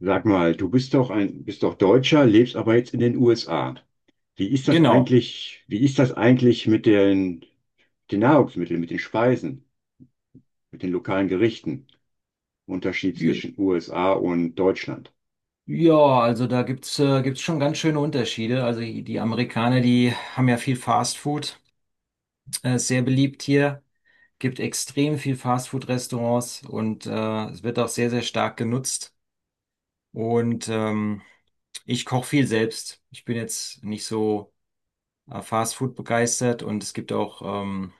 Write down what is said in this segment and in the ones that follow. Sag mal, du bist doch bist doch Deutscher, lebst aber jetzt in den USA. Wie ist das Genau. eigentlich, mit den, den Nahrungsmitteln, mit den Speisen, mit den lokalen Gerichten? Unterschied Ja, zwischen USA und Deutschland. ja, also da gibt's schon ganz schöne Unterschiede. Also die Amerikaner, die haben ja viel Fast Food, sehr beliebt hier, gibt extrem viel Fast Food Restaurants und es wird auch sehr, sehr stark genutzt. Und ähm, Ich koche viel selbst. Ich bin jetzt nicht so Fast Food begeistert und es gibt auch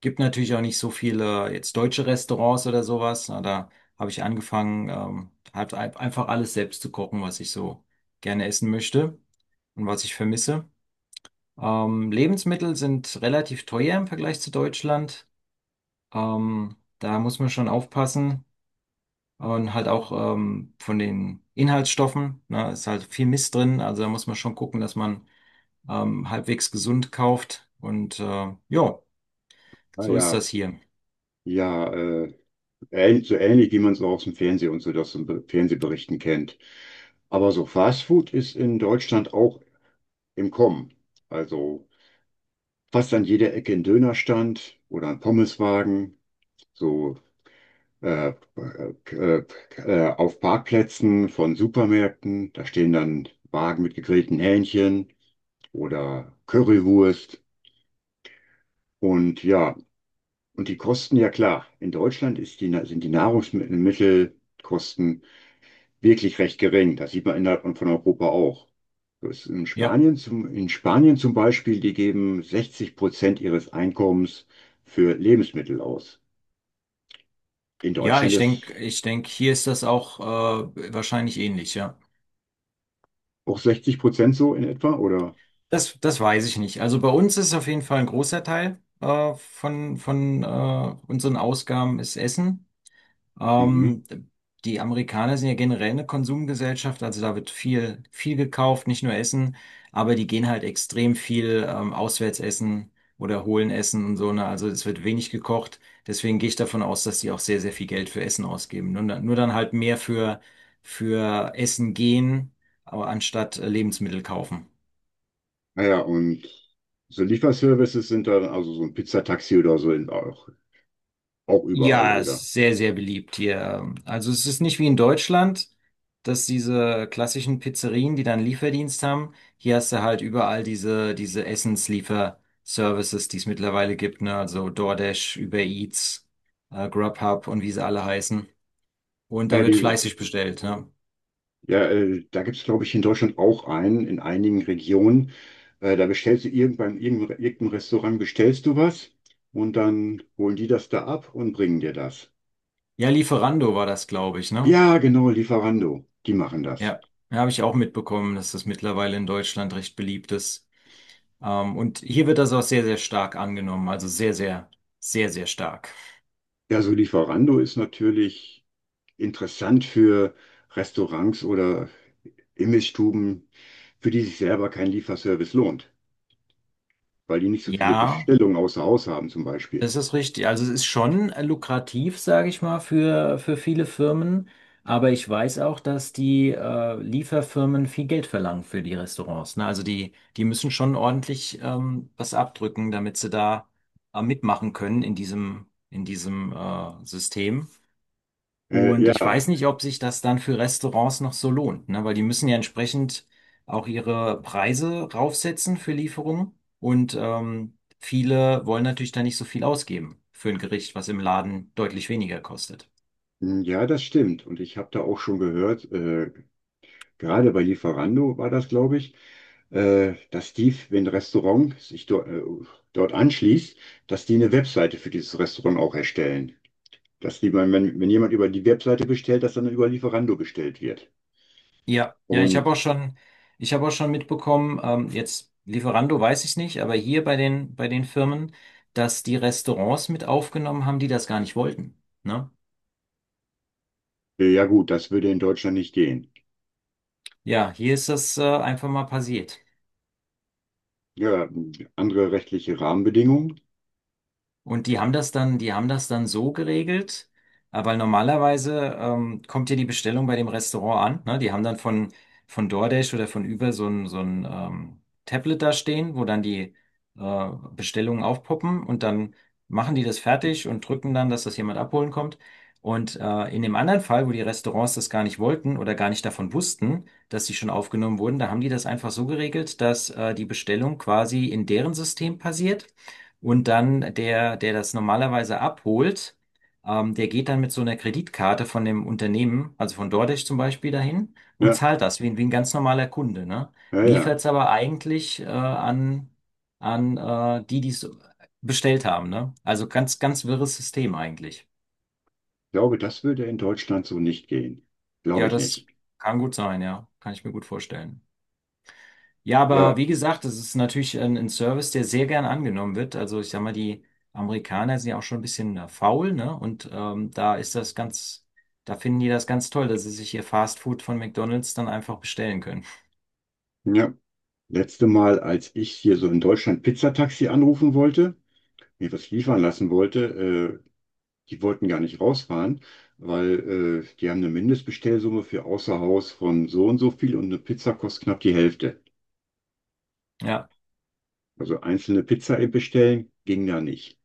Gibt natürlich auch nicht so viele jetzt deutsche Restaurants oder sowas. Na, da habe ich angefangen, halt einfach alles selbst zu kochen, was ich so gerne essen möchte und was ich vermisse. Lebensmittel sind relativ teuer im Vergleich zu Deutschland. Da muss man schon aufpassen. Und halt auch von den Inhaltsstoffen, ne, ist halt viel Mist drin. Also da muss man schon gucken, dass man halbwegs gesund kauft. Und ja, Ah, so ist ja, das hier. ja, so ähnlich wie man es auch aus dem Fernsehen und so das im Fernsehberichten kennt. Aber so Fast Food ist in Deutschland auch im Kommen. Also fast an jeder Ecke ein Dönerstand oder ein Pommeswagen. So äh, äh, auf Parkplätzen von Supermärkten. Da stehen dann Wagen mit gegrillten Hähnchen oder Currywurst. Und ja, und die Kosten, ja klar, in Deutschland sind die Nahrungsmittelkosten wirklich recht gering. Das sieht man innerhalb von Europa auch. So ist Ja. In Spanien zum Beispiel, die geben 60% ihres Einkommens für Lebensmittel aus. In Ja, Deutschland ich ist denke, ich denk, hier ist das auch wahrscheinlich ähnlich, ja. auch 60% so in etwa, oder? Das weiß ich nicht. Also bei uns ist auf jeden Fall ein großer Teil von unseren Ausgaben ist Essen. Mhm. Ähm, Die Amerikaner sind ja generell eine Konsumgesellschaft, also da wird viel gekauft, nicht nur Essen, aber die gehen halt extrem viel auswärts essen oder holen Essen und so, ne? Also es wird wenig gekocht. Deswegen gehe ich davon aus, dass die auch sehr, sehr viel Geld für Essen ausgeben. Nur dann halt mehr für Essen gehen, aber anstatt Lebensmittel kaufen. Naja, und so Lieferservices sind dann also so ein Pizzataxi auch, auch überall, Ja, es oder? ist sehr, sehr beliebt hier. Also es ist nicht wie in Deutschland, dass diese klassischen Pizzerien, die dann Lieferdienst haben, hier hast du halt überall diese Essensliefer-Services, die es mittlerweile gibt, ne? Also DoorDash, Uber Eats, Grubhub und wie sie alle heißen. Und da Ja, wird diese, fleißig bestellt, ne? ja, da gibt es, glaube ich, in Deutschland auch einen, in einigen Regionen. Da beim irgendeinem Restaurant bestellst du was und dann holen die das da ab und bringen dir das. Ja, Lieferando war das, glaube ich, ne? Ja, genau, Lieferando, die machen das. Ja, da habe ich auch mitbekommen, dass das mittlerweile in Deutschland recht beliebt ist. Und hier wird das auch sehr, sehr stark angenommen. Also sehr, sehr, sehr, sehr stark. Ja, so Lieferando ist natürlich interessant für Restaurants oder Imbissstuben, für die sich selber kein Lieferservice lohnt, weil die nicht so viele Ja, Bestellungen außer Haus haben zum Beispiel. das ist richtig. Also es ist schon lukrativ, sage ich mal, für viele Firmen. Aber ich weiß auch, dass die Lieferfirmen viel Geld verlangen für die Restaurants. Ne? Also die müssen schon ordentlich was abdrücken, damit sie da mitmachen können in diesem System. Und ich Ja, weiß nicht, ob sich das dann für Restaurants noch so lohnt, ne? Weil die müssen ja entsprechend auch ihre Preise raufsetzen für Lieferungen. Und viele wollen natürlich da nicht so viel ausgeben für ein Gericht, was im Laden deutlich weniger kostet. hm, ja, das stimmt. Und ich habe da auch schon gehört, gerade bei Lieferando war das, glaube ich, dass die, wenn ein Restaurant sich do, dort anschließt, dass die eine Webseite für dieses Restaurant auch erstellen. Dass die, wenn, wenn jemand über die Webseite bestellt, dass dann über Lieferando bestellt wird. Ja, ja, ich Und habe auch schon, Ich habe auch schon mitbekommen, jetzt Lieferando weiß ich nicht, aber hier bei den Firmen, dass die Restaurants mit aufgenommen haben, die das gar nicht wollten, ne? äh, ja gut, das würde in Deutschland nicht gehen. Ja, hier ist das einfach mal passiert. Ja, andere rechtliche Rahmenbedingungen. Und die haben das dann so geregelt, weil normalerweise kommt ja die Bestellung bei dem Restaurant an. Ne? Die haben dann von DoorDash oder von Uber so ein Tablet da stehen, wo dann die äh, Bestellungen aufpoppen und dann machen die das fertig und drücken dann, dass das jemand abholen kommt. Und in dem anderen Fall, wo die Restaurants das gar nicht wollten oder gar nicht davon wussten, dass sie schon aufgenommen wurden, da haben die das einfach so geregelt, dass die Bestellung quasi in deren System passiert und dann der das normalerweise abholt, der geht dann mit so einer Kreditkarte von dem Unternehmen, also von DoorDash zum Beispiel, dahin und Ja, zahlt das wie ein ganz normaler Kunde, ne? ja, Liefert ja. es aber eigentlich an die, die es bestellt haben, ne? Also ganz wirres System eigentlich. Ich glaube, das würde in Deutschland so nicht gehen. Glaube Ja, ich das nicht. kann gut sein, ja. Kann ich mir gut vorstellen. Ja, aber Ja, wie gesagt, das ist natürlich ein Service, der sehr gern angenommen wird. Also ich sag mal, die Amerikaner sind ja auch schon ein bisschen faul, ne? Und da finden die das ganz toll, dass sie sich ihr Fast Food von McDonald's dann einfach bestellen können. ja. Letzte Mal, als ich hier so in Deutschland Pizzataxi anrufen wollte, mir was liefern lassen wollte, die wollten gar nicht rausfahren, weil die haben eine Mindestbestellsumme für außer Haus von so und so viel und eine Pizza kostet knapp die Hälfte. Ja, Also einzelne Pizza bestellen ging da nicht.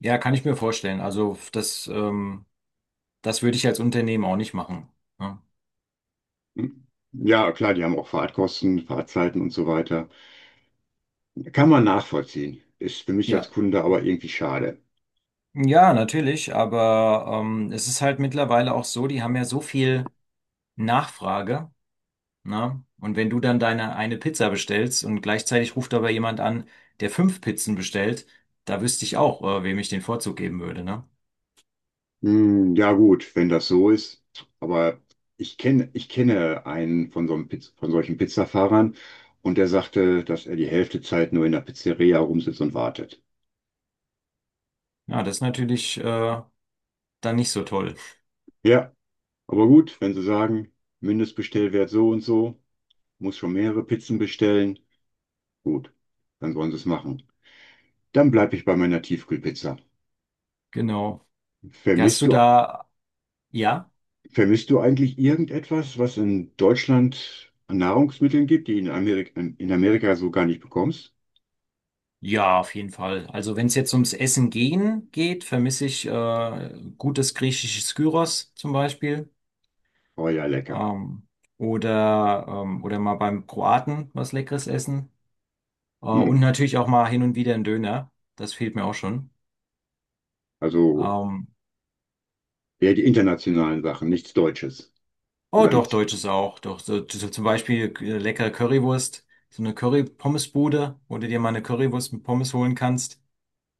ja, kann ich mir vorstellen. Das würde ich als Unternehmen auch nicht machen. Ne? Hm? Ja, klar, die haben auch Fahrtkosten, Fahrtzeiten und so weiter. Kann man nachvollziehen. Ist für mich als Ja. Kunde aber irgendwie schade. Ja, natürlich, aber es ist halt mittlerweile auch so, die haben ja so viel Nachfrage. Ne? Und wenn du dann deine eine Pizza bestellst und gleichzeitig ruft aber jemand an, der 5 Pizzen bestellt, da wüsste ich auch, wem ich den Vorzug geben würde, ne? Hm, ja, gut, wenn das so ist. Aber ich kenne einen von so einem Piz von solchen Pizzafahrern und der sagte, dass er die Hälfte Zeit nur in der Pizzeria rumsitzt und wartet. Ja, das ist natürlich dann nicht so toll. Ja, aber gut, wenn Sie sagen, Mindestbestellwert so und so, muss schon mehrere Pizzen bestellen. Gut, dann sollen Sie es machen. Dann bleibe ich bei meiner Tiefkühlpizza. Genau. Hast Vermisst du du da, ja? Vermisst du eigentlich irgendetwas, was in Deutschland an Nahrungsmitteln gibt, die in Amerika so gar nicht bekommst? Ja, auf jeden Fall. Also wenn es jetzt ums Essen gehen geht, vermisse ich gutes griechisches Gyros zum Beispiel. Oh ja, lecker. Ähm, oder oder mal beim Kroaten was Leckeres essen. Hm. Und natürlich auch mal hin und wieder ein Döner. Das fehlt mir auch schon. Also Ähm, eher die internationalen Sachen, nichts Deutsches oh, oder doch, nichts. deutsches auch. Doch, so zum Beispiel leckere Currywurst, so eine Curry-Pommes-Bude, wo du dir mal eine Currywurst mit Pommes holen kannst.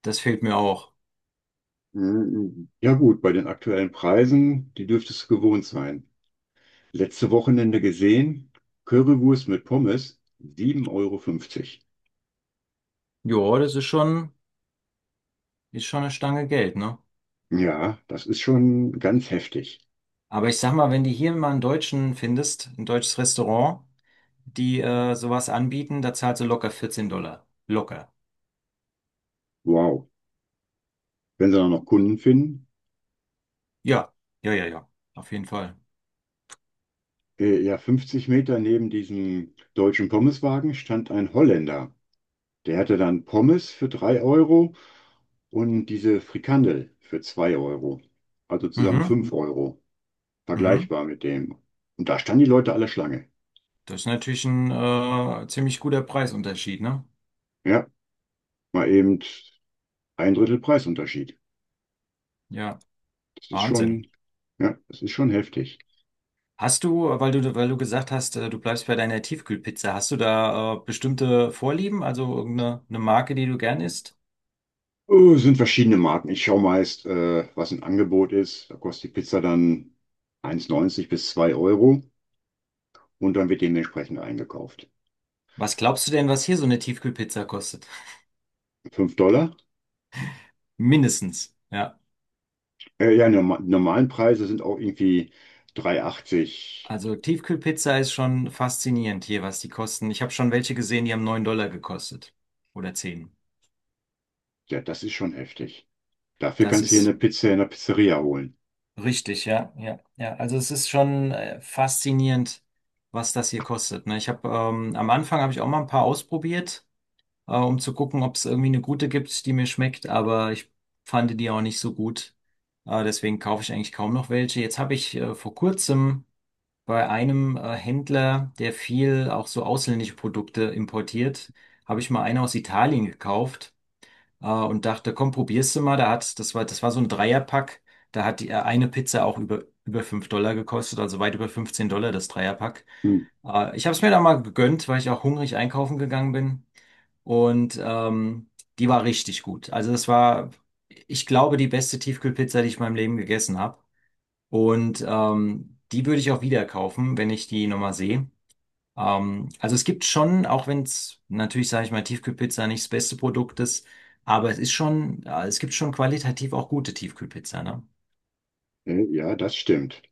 Das fehlt mir auch. Hm, ja gut, bei den aktuellen Preisen, die dürftest du gewohnt sein. Letzte Wochenende gesehen, Currywurst mit Pommes, 7,50 Euro. Jo, das ist schon, Ist schon eine Stange Geld, ne? Ja, das ist schon ganz heftig. Aber ich sag mal, wenn du hier mal einen Deutschen findest, ein deutsches Restaurant, die sowas anbieten, da zahlst du locker $14. Locker. Wow. Wenn sie dann noch Kunden finden. Ja, ja, ja, ja. Auf jeden Fall. Ja, 50 Meter neben diesem deutschen Pommeswagen stand ein Holländer. Der hatte dann Pommes für 3 Euro und diese Frikandel für 2 Euro. Also zusammen Mhm, 5 Euro. mhm. Vergleichbar mit dem. Und da standen die Leute alle Schlange. Das ist natürlich ein ziemlich guter Preisunterschied, ne? Ja, mal eben ein Drittel Preisunterschied. Ja, Das ist Wahnsinn. schon, ja, das ist schon heftig. Hast du, weil du gesagt hast, du bleibst bei deiner Tiefkühlpizza, hast du da bestimmte Vorlieben, also irgendeine eine Marke, die du gern isst? Oh, es sind verschiedene Marken. Ich schaue meist, was ein Angebot ist. Da kostet die Pizza dann 1,90 bis 2 Euro und dann wird dementsprechend eingekauft. Was glaubst du denn, was hier so eine Tiefkühlpizza kostet? 5 Dollar? Mindestens, ja. Ja, normalen Preise sind auch irgendwie 3,80. Also Tiefkühlpizza ist schon faszinierend hier, was die kosten. Ich habe schon welche gesehen, die haben $9 gekostet oder 10. Ja, das ist schon heftig. Dafür Das kannst du hier eine ist Pizza in der Pizzeria holen. richtig, ja, ja, ja. Also es ist schon faszinierend, was das hier kostet. Ne? Ich habe am Anfang habe ich auch mal ein paar ausprobiert, um zu gucken, ob es irgendwie eine gute gibt, die mir schmeckt, aber ich fand die auch nicht so gut. Deswegen kaufe ich eigentlich kaum noch welche. Jetzt habe ich vor kurzem bei einem Händler, der viel auch so ausländische Produkte importiert, habe ich mal eine aus Italien gekauft und dachte, komm, probierst du mal. Da hat, das war so ein Dreierpack. Da hat die, eine Pizza auch über $5 gekostet, also weit über $15 das Dreierpack. Hm. Ich habe es mir da mal gegönnt, weil ich auch hungrig einkaufen gegangen bin. Und ähm, Die war richtig gut. Ich glaube, die beste Tiefkühlpizza, die ich in meinem Leben gegessen habe. Und die würde ich auch wieder kaufen, wenn ich die nochmal sehe. Also es gibt schon, auch wenn es natürlich, sage ich mal, Tiefkühlpizza nicht das beste Produkt ist, aber es ist schon, ja, es gibt schon qualitativ auch gute Tiefkühlpizza, ne? Ja, das stimmt.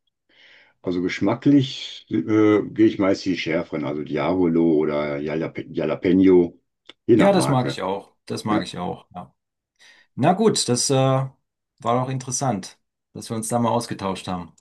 Also geschmacklich gehe ich meist die schärferen, also Diavolo oder Jalapeno, je nach Ja, das mag Marke. ich auch. Das mag Ja. ich auch. Ja. Na gut, das war doch interessant, dass wir uns da mal ausgetauscht haben.